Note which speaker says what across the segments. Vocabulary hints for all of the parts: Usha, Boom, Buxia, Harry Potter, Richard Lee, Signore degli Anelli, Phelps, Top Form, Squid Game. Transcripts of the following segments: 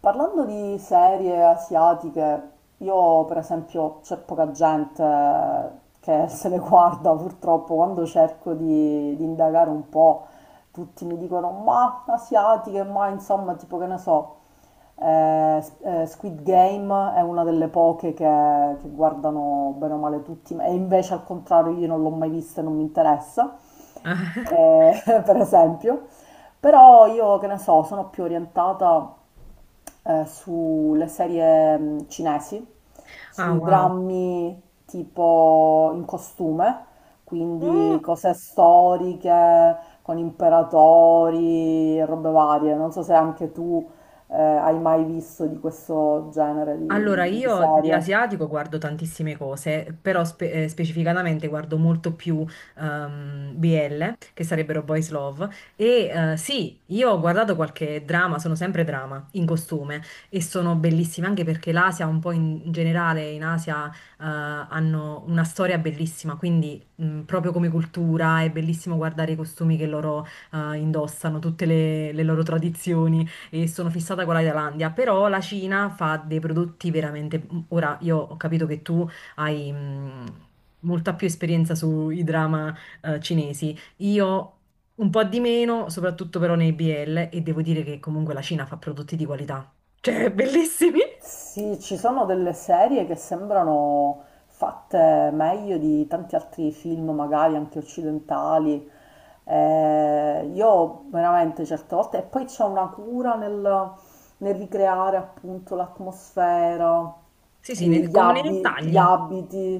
Speaker 1: Parlando di serie asiatiche, io per esempio c'è poca gente che se le guarda purtroppo, quando cerco di indagare un po', tutti mi dicono ma asiatiche, ma insomma tipo che ne so, Squid Game è una delle poche che guardano bene o male tutti, e invece al contrario io non l'ho mai vista e non mi interessa, per esempio. Però io che ne so, sono più orientata sulle serie cinesi,
Speaker 2: Ah,
Speaker 1: sui
Speaker 2: wow.
Speaker 1: drammi tipo in costume, quindi
Speaker 2: Oh.
Speaker 1: cose storiche con imperatori e robe varie. Non so se anche tu hai mai visto di questo genere
Speaker 2: Allora,
Speaker 1: di
Speaker 2: io di
Speaker 1: serie.
Speaker 2: asiatico guardo tantissime cose, però specificatamente guardo molto più BL, che sarebbero Boys Love. E sì, io ho guardato qualche drama, sono sempre drama, in costume, e sono bellissime anche perché l'Asia, un po' in generale, in Asia hanno una storia bellissima, quindi proprio come cultura è bellissimo guardare i costumi che loro indossano, tutte le loro tradizioni. E sono fissata con la Thailandia, però la Cina fa dei prodotti veramente... Ora, io ho capito che tu hai molta più esperienza sui drama cinesi, io un po' di meno, soprattutto però nei BL, e devo dire che comunque la Cina fa prodotti di qualità, cioè bellissimi.
Speaker 1: Sì, ci sono delle serie che sembrano fatte meglio di tanti altri film, magari anche occidentali. Io veramente certe volte, e poi c'è una cura nel ricreare appunto l'atmosfera,
Speaker 2: Sì, sì,
Speaker 1: e
Speaker 2: come nei
Speaker 1: gli
Speaker 2: dettagli.
Speaker 1: abiti,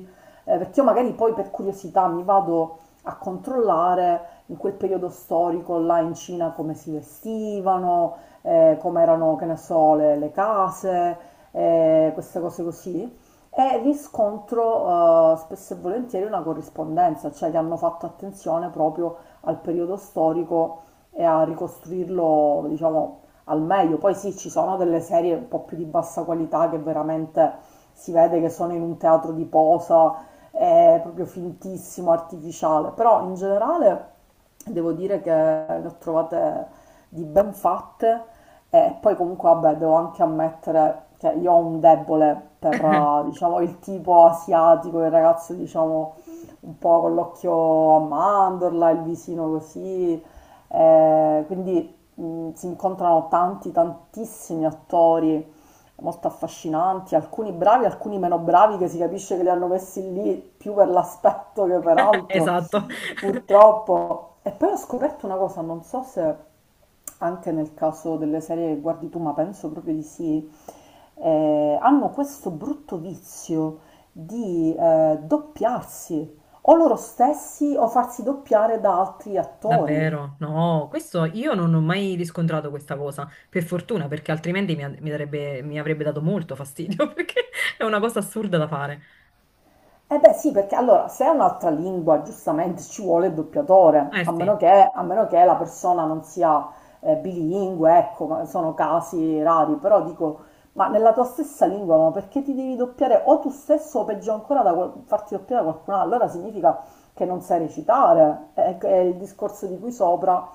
Speaker 1: perché io magari poi per curiosità mi vado a controllare in quel periodo storico là in Cina come si vestivano, come erano, che ne so, le case, queste cose così, e riscontro spesso e volentieri una corrispondenza, cioè che hanno fatto attenzione proprio al periodo storico e a ricostruirlo, diciamo, al meglio. Poi sì, ci sono delle serie un po' più di bassa qualità che veramente si vede che sono in un teatro di posa, è proprio fintissimo, artificiale, però in generale devo dire che ne ho trovate di ben fatte e poi comunque vabbè, devo anche ammettere che io ho un debole per, diciamo, il tipo asiatico, il ragazzo, diciamo, un po' con l'occhio a mandorla, il visino così. Quindi si incontrano tanti, tantissimi attori molto affascinanti, alcuni bravi, alcuni meno bravi, che si capisce che li hanno messi lì più per l'aspetto che per altro.
Speaker 2: Esatto.
Speaker 1: Purtroppo. E poi ho scoperto una cosa, non so se anche nel caso delle serie che guardi tu, ma penso proprio di sì, hanno questo brutto vizio di doppiarsi o loro stessi o farsi doppiare da altri attori.
Speaker 2: Davvero? No, questo io non ho mai riscontrato questa cosa, per fortuna, perché altrimenti mi avrebbe dato molto fastidio, perché è una cosa assurda da fare.
Speaker 1: Eh beh sì, perché allora se è un'altra lingua giustamente ci vuole il doppiatore,
Speaker 2: Eh sì,
Speaker 1: a meno che la persona non sia bilingue, ecco, ma sono casi rari, però dico, ma nella tua stessa lingua, ma perché ti devi doppiare o tu stesso o peggio ancora da farti doppiare da qualcun altro? Allora significa che non sai recitare, è il discorso di qui sopra,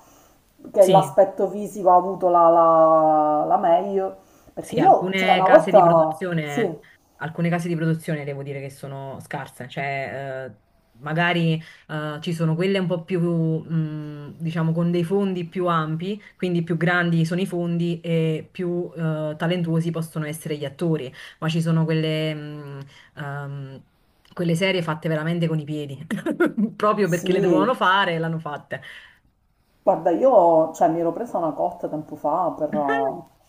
Speaker 1: che
Speaker 2: sì.
Speaker 1: l'aspetto fisico ha avuto la meglio, perché
Speaker 2: Sì,
Speaker 1: io, cioè
Speaker 2: alcune
Speaker 1: una
Speaker 2: case di
Speaker 1: volta,
Speaker 2: produzione, alcune case di produzione devo dire che sono scarse, cioè magari ci sono quelle un po' più, diciamo, con dei fondi più ampi, quindi più grandi sono i fondi e più talentuosi possono essere gli attori, ma ci sono quelle, ehm, quelle serie fatte veramente con i piedi, proprio perché le dovevano
Speaker 1: sì,
Speaker 2: fare e l'hanno fatte.
Speaker 1: guarda, io mi ero presa una cotta tempo fa per,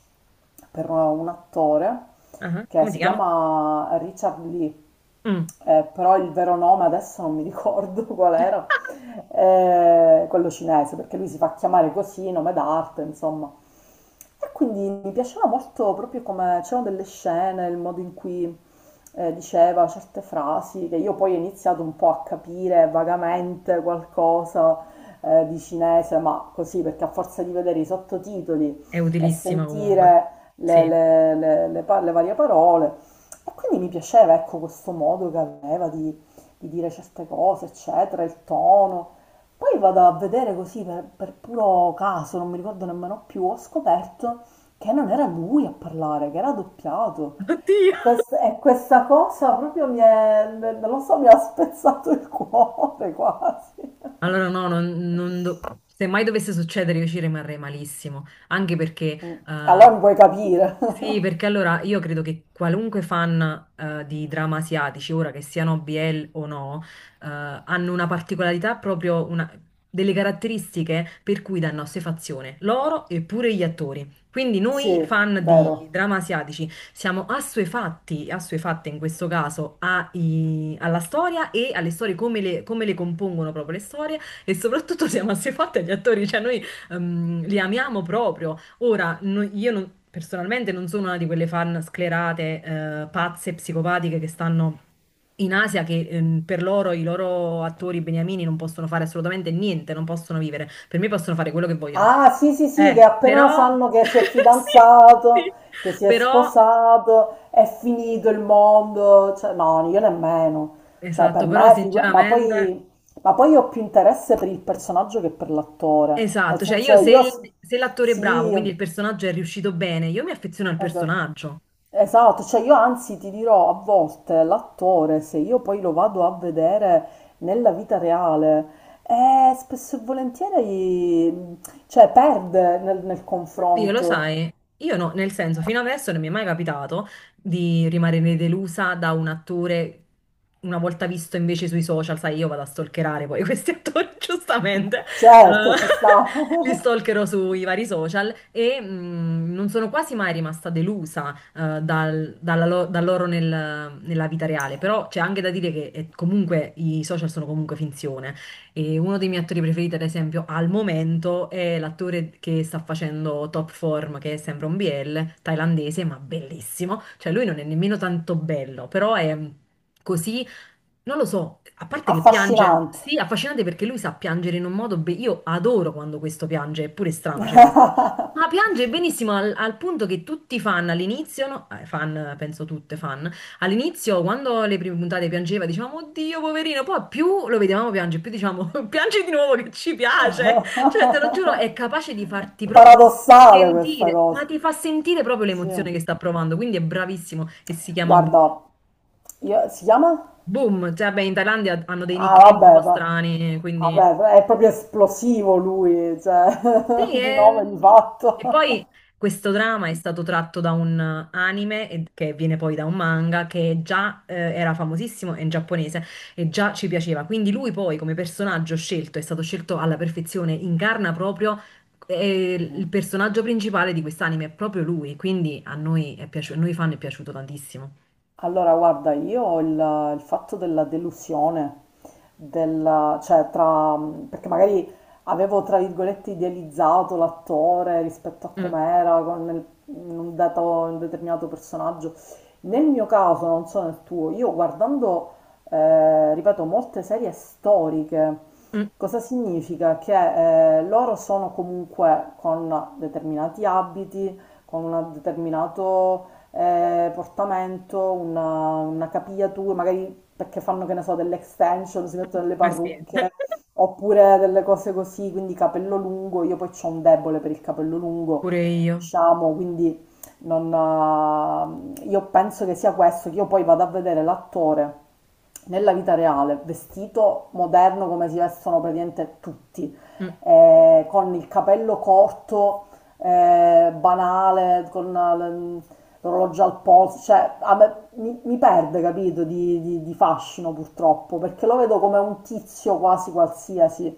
Speaker 1: un attore
Speaker 2: Ah,
Speaker 1: che
Speaker 2: come si
Speaker 1: si
Speaker 2: chiama?
Speaker 1: chiama Richard Lee,
Speaker 2: Mm.
Speaker 1: però il vero nome adesso non mi ricordo qual era, quello cinese, perché lui si fa chiamare così, nome d'arte, insomma. E quindi mi piaceva molto proprio come c'erano delle scene, il modo in cui diceva certe frasi, che io poi ho iniziato un po' a capire vagamente qualcosa di cinese, ma così perché a forza di vedere i sottotitoli
Speaker 2: È
Speaker 1: e
Speaker 2: utilissima comunque.
Speaker 1: sentire
Speaker 2: Sì.
Speaker 1: le varie parole. E quindi mi piaceva, ecco, questo modo che aveva di dire certe cose, eccetera, il tono. Poi vado a vedere così per puro caso, non mi ricordo nemmeno più, ho scoperto che non era lui a parlare, che era doppiato.
Speaker 2: Oddio.
Speaker 1: E questa cosa proprio mi è, non lo so, mi ha spezzato il cuore quasi.
Speaker 2: Allora no, non, non do- se mai dovesse succedere io ci rimarrei malissimo, anche perché
Speaker 1: Mm.
Speaker 2: eh,
Speaker 1: Allora non puoi capire.
Speaker 2: sì, perché allora io credo che qualunque fan di drama asiatici, ora che siano BL o no, hanno una particolarità proprio, delle caratteristiche per cui danno assuefazione loro e pure gli attori. Quindi noi
Speaker 1: Sì,
Speaker 2: fan di
Speaker 1: vero.
Speaker 2: drama asiatici siamo assuefatti, assuefatte in questo caso alla storia e alle storie, come le compongono proprio le storie, e soprattutto siamo assuefatti agli attori, cioè noi li amiamo proprio. Ora, no- io non- personalmente non sono una di quelle fan sclerate, pazze, psicopatiche che stanno... in Asia che per loro i loro attori beniamini non possono fare assolutamente niente, non possono vivere. Per me possono fare quello che vogliono.
Speaker 1: Ah, sì, sì, sì, che appena
Speaker 2: Però,
Speaker 1: sanno che si è
Speaker 2: sì,
Speaker 1: fidanzato,
Speaker 2: sì.
Speaker 1: che si è
Speaker 2: Però
Speaker 1: sposato, è finito il mondo. Cioè, no, io nemmeno. Cioè, per
Speaker 2: esatto, però
Speaker 1: me,
Speaker 2: sinceramente,
Speaker 1: ma poi io ho più interesse per il personaggio che per l'attore. Nel
Speaker 2: esatto, cioè io
Speaker 1: senso,
Speaker 2: se, se l'attore è bravo,
Speaker 1: sì,
Speaker 2: quindi il personaggio è riuscito bene, io mi affeziono al
Speaker 1: esatto.
Speaker 2: personaggio.
Speaker 1: Esatto, cioè io anzi ti dirò a volte l'attore, se io poi lo vado a vedere nella vita reale, spesso e volentieri, cioè, perde nel
Speaker 2: Oddio, lo
Speaker 1: confronto.
Speaker 2: sai, io no, nel senso, fino adesso non mi è mai capitato di rimanere delusa da un attore una volta visto invece sui social, sai, io vado a stalkerare poi questi attori, giustamente,
Speaker 1: Certo, ci sta.
Speaker 2: li stalkerò sui vari social e non sono quasi mai rimasta delusa da loro nella vita reale, però c'è anche da dire che comunque i social sono comunque finzione. E uno dei miei attori preferiti, ad esempio, al momento è l'attore che sta facendo Top Form, che è sempre un BL thailandese, ma bellissimo. Cioè, lui non è nemmeno tanto bello, però è così, non lo so, a parte che piange,
Speaker 1: Affascinante.
Speaker 2: sì, affascinante perché lui sa piangere in un modo. Io adoro quando questo piange, è pure strano, cioè questa cosa. Ma piange benissimo al, al punto che tutti i fan all'inizio, no? Fan, penso tutte fan, all'inizio, quando le prime puntate piangeva, dicevamo, oddio, poverino, poi più lo vedevamo piangere, più diciamo, piangi di nuovo che ci piace. Cioè, te lo giuro, è capace di farti proprio
Speaker 1: Paradossale questa
Speaker 2: sentire, ma
Speaker 1: cosa.
Speaker 2: ti fa sentire proprio l'emozione
Speaker 1: Sì.
Speaker 2: che sta provando, quindi è bravissimo e si chiama
Speaker 1: Guarda, si chiama?
Speaker 2: Boom. Cioè, beh, in Thailandia hanno dei
Speaker 1: Ah,
Speaker 2: nickname un po' strani, quindi...
Speaker 1: vabbè, è proprio esplosivo lui, cioè,
Speaker 2: Sì,
Speaker 1: di
Speaker 2: e,
Speaker 1: nome di
Speaker 2: e
Speaker 1: fatto.
Speaker 2: poi questo drama è stato tratto da un anime che viene poi da un manga che già era famosissimo è in giapponese e già ci piaceva. Quindi lui poi come personaggio scelto è stato scelto alla perfezione, incarna proprio il personaggio principale di quest'anime, è proprio lui, quindi a noi, è piaciuto, a noi fan è piaciuto tantissimo.
Speaker 1: Allora, guarda, io ho il fatto della delusione, della, cioè tra, perché magari avevo tra virgolette idealizzato l'attore rispetto a
Speaker 2: Mm,
Speaker 1: com'era con un determinato personaggio. Nel mio caso, non so nel tuo, io guardando, ripeto, molte serie storiche,
Speaker 2: mm, mm.
Speaker 1: cosa significa? Che loro sono comunque con determinati abiti, con un determinato portamento, una capigliatura, magari perché fanno, che ne so, delle extension, si mettono delle
Speaker 2: Eh sì.
Speaker 1: parrucche, oppure delle cose così, quindi capello lungo, io poi ho un debole per il capello lungo,
Speaker 2: Pure io.
Speaker 1: diciamo, quindi non, io penso che sia questo, che io poi vado a vedere l'attore nella vita reale, vestito moderno come si vestono praticamente tutti,
Speaker 2: Mm,
Speaker 1: con il capello corto, banale, con l'orologio al polso, cioè mi perde, capito, di fascino purtroppo, perché lo vedo come un tizio quasi qualsiasi.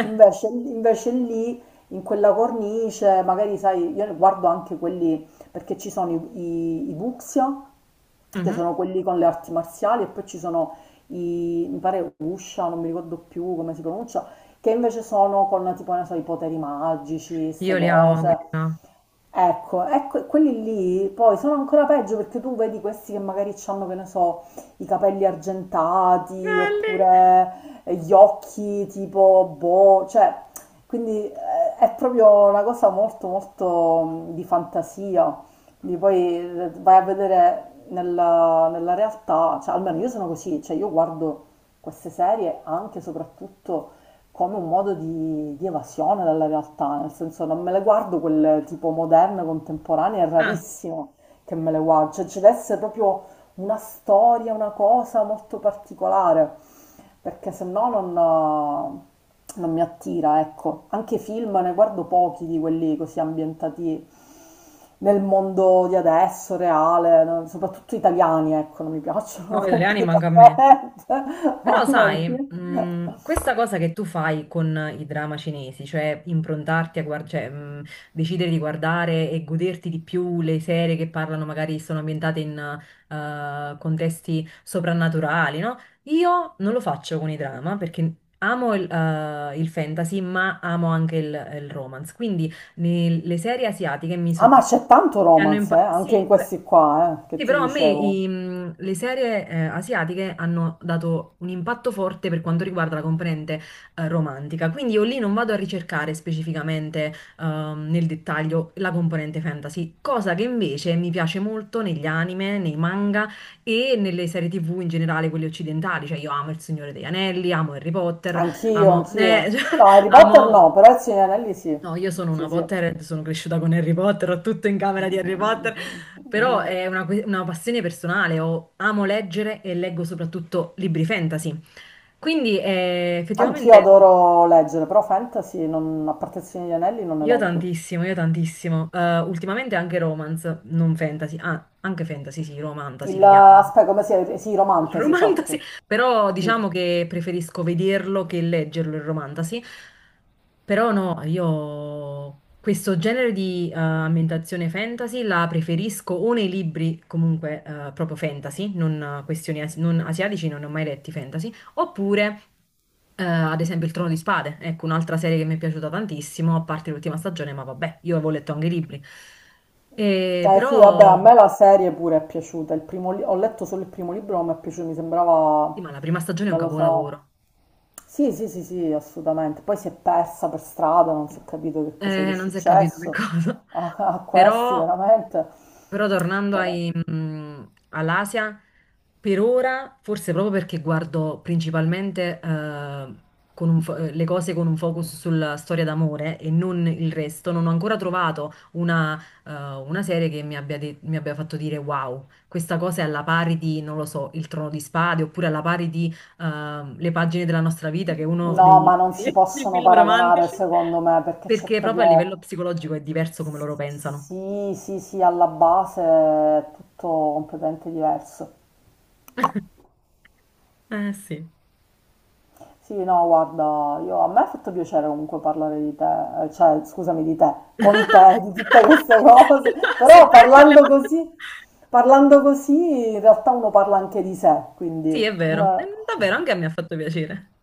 Speaker 1: Invece, invece lì, in quella cornice, magari sai, io guardo anche quelli, perché ci sono i Buxia, che
Speaker 2: mhm.
Speaker 1: sono quelli con le arti marziali, e poi ci sono i, mi pare Usha, non mi ricordo più come si pronuncia, che invece sono con tipo, non so, i poteri magici, queste
Speaker 2: Io li amo
Speaker 1: cose.
Speaker 2: quelli là.
Speaker 1: Ecco, ecco, quelli lì poi sono ancora peggio perché tu vedi questi che magari hanno, che ne so, i capelli argentati
Speaker 2: Belli.
Speaker 1: oppure gli occhi tipo boh, cioè, quindi è proprio una cosa molto molto di fantasia. Quindi poi vai a vedere nella realtà, cioè almeno io sono così, cioè io guardo queste serie anche e soprattutto come un modo di evasione dalla realtà, nel senso non me le guardo quelle tipo moderne, contemporanee, è
Speaker 2: Ah,
Speaker 1: rarissimo che me le guardo, cioè ci deve essere proprio una storia, una cosa molto particolare, perché se no non, non mi attira, ecco. Anche film ne guardo pochi di quelli così ambientati nel mondo di adesso, reale, no? Soprattutto italiani, ecco, non mi piacciono
Speaker 2: no, italiani manca a me.
Speaker 1: completamente,
Speaker 2: Però
Speaker 1: mamma
Speaker 2: sai,
Speaker 1: mia.
Speaker 2: questa cosa che tu fai con i drama cinesi, cioè improntarti a guardare, cioè, decidere di guardare e goderti di più le serie che parlano, magari sono ambientate in contesti soprannaturali, no? Io non lo faccio con i drama perché amo il fantasy, ma amo anche il romance. Quindi le serie asiatiche mi
Speaker 1: Ah,
Speaker 2: so-
Speaker 1: ma
Speaker 2: mi
Speaker 1: c'è tanto
Speaker 2: hanno
Speaker 1: romance,
Speaker 2: impa-
Speaker 1: anche in
Speaker 2: sì, pe-
Speaker 1: questi qua, che
Speaker 2: sì,
Speaker 1: ti
Speaker 2: però a me
Speaker 1: dicevo.
Speaker 2: le serie asiatiche hanno dato un impatto forte per quanto riguarda la componente romantica, quindi io lì non vado a ricercare specificamente nel dettaglio la componente fantasy, cosa che invece mi piace molto negli anime, nei manga e nelle serie TV in generale, quelle occidentali, cioè io amo Il Signore degli Anelli, amo Harry Potter,
Speaker 1: Anch'io,
Speaker 2: amo...
Speaker 1: anch'io.
Speaker 2: cioè,
Speaker 1: No, Harry Potter
Speaker 2: amo,
Speaker 1: no, però il Signore degli Anelli sì.
Speaker 2: no, io sono una
Speaker 1: Sì, sì.
Speaker 2: Potterhead, sono cresciuta con Harry Potter, ho tutto in camera di Harry Potter,
Speaker 1: Anch'io
Speaker 2: però è una passione personale, amo leggere e leggo soprattutto libri fantasy. Quindi effettivamente
Speaker 1: adoro leggere, però fantasy, non, a parte il Signore degli Anelli, non ne
Speaker 2: io
Speaker 1: leggo.
Speaker 2: tantissimo, io tantissimo. Ultimamente anche romance, non fantasy, ah, anche fantasy, sì, romantasy
Speaker 1: Il,
Speaker 2: li chiamano.
Speaker 1: aspetta, come si è? Sì,
Speaker 2: Il
Speaker 1: romantasy,
Speaker 2: romantasy,
Speaker 1: esatto.
Speaker 2: però
Speaker 1: Sì.
Speaker 2: diciamo che preferisco vederlo che leggerlo il romantasy. Però no, io questo genere di ambientazione fantasy la preferisco o nei libri comunque proprio fantasy, non questioni non asiatici, non ne ho mai letti fantasy, oppure ad esempio Il Trono di Spade, ecco un'altra serie che mi è piaciuta tantissimo, a parte l'ultima stagione, ma vabbè, io avevo letto anche i libri. E
Speaker 1: Eh sì, vabbè, a
Speaker 2: però
Speaker 1: me la serie pure è piaciuta. Il primo ho letto solo il primo libro, non mi è piaciuto, mi
Speaker 2: sì,
Speaker 1: sembrava,
Speaker 2: ma la prima stagione è un
Speaker 1: non lo so.
Speaker 2: capolavoro.
Speaker 1: Sì, sì, sì, sì, assolutamente. Poi si è persa per strada, non si è capito che cosa gli è
Speaker 2: Non si è capito che
Speaker 1: successo
Speaker 2: cosa,
Speaker 1: a questi,
Speaker 2: però
Speaker 1: veramente.
Speaker 2: però tornando
Speaker 1: Però-
Speaker 2: all'Asia, per ora, forse proprio perché guardo principalmente con un le cose con un focus sulla storia d'amore e non il resto, non ho ancora trovato una serie che mi abbia fatto dire wow, questa cosa è alla pari di, non lo so, Il Trono di Spade oppure alla pari di Le pagine della nostra vita, che è uno
Speaker 1: No,
Speaker 2: dei
Speaker 1: ma non si
Speaker 2: dei
Speaker 1: possono
Speaker 2: film
Speaker 1: paragonare
Speaker 2: romantici,
Speaker 1: secondo me perché c'è
Speaker 2: perché proprio a
Speaker 1: proprio...
Speaker 2: livello psicologico è diverso come loro pensano.
Speaker 1: Sì, sì, sì, alla base è tutto completamente diverso.
Speaker 2: Eh sì.
Speaker 1: Sì, no, guarda, io, a me ha fatto piacere comunque parlare di te, cioè scusami di te, con te, di tutte queste cose,
Speaker 2: Se
Speaker 1: però
Speaker 2: vuoi parliamo...
Speaker 1: parlando così in realtà uno parla anche di sé, quindi...
Speaker 2: Sì, è vero.
Speaker 1: eh.
Speaker 2: Davvero, anche a me ha fatto piacere.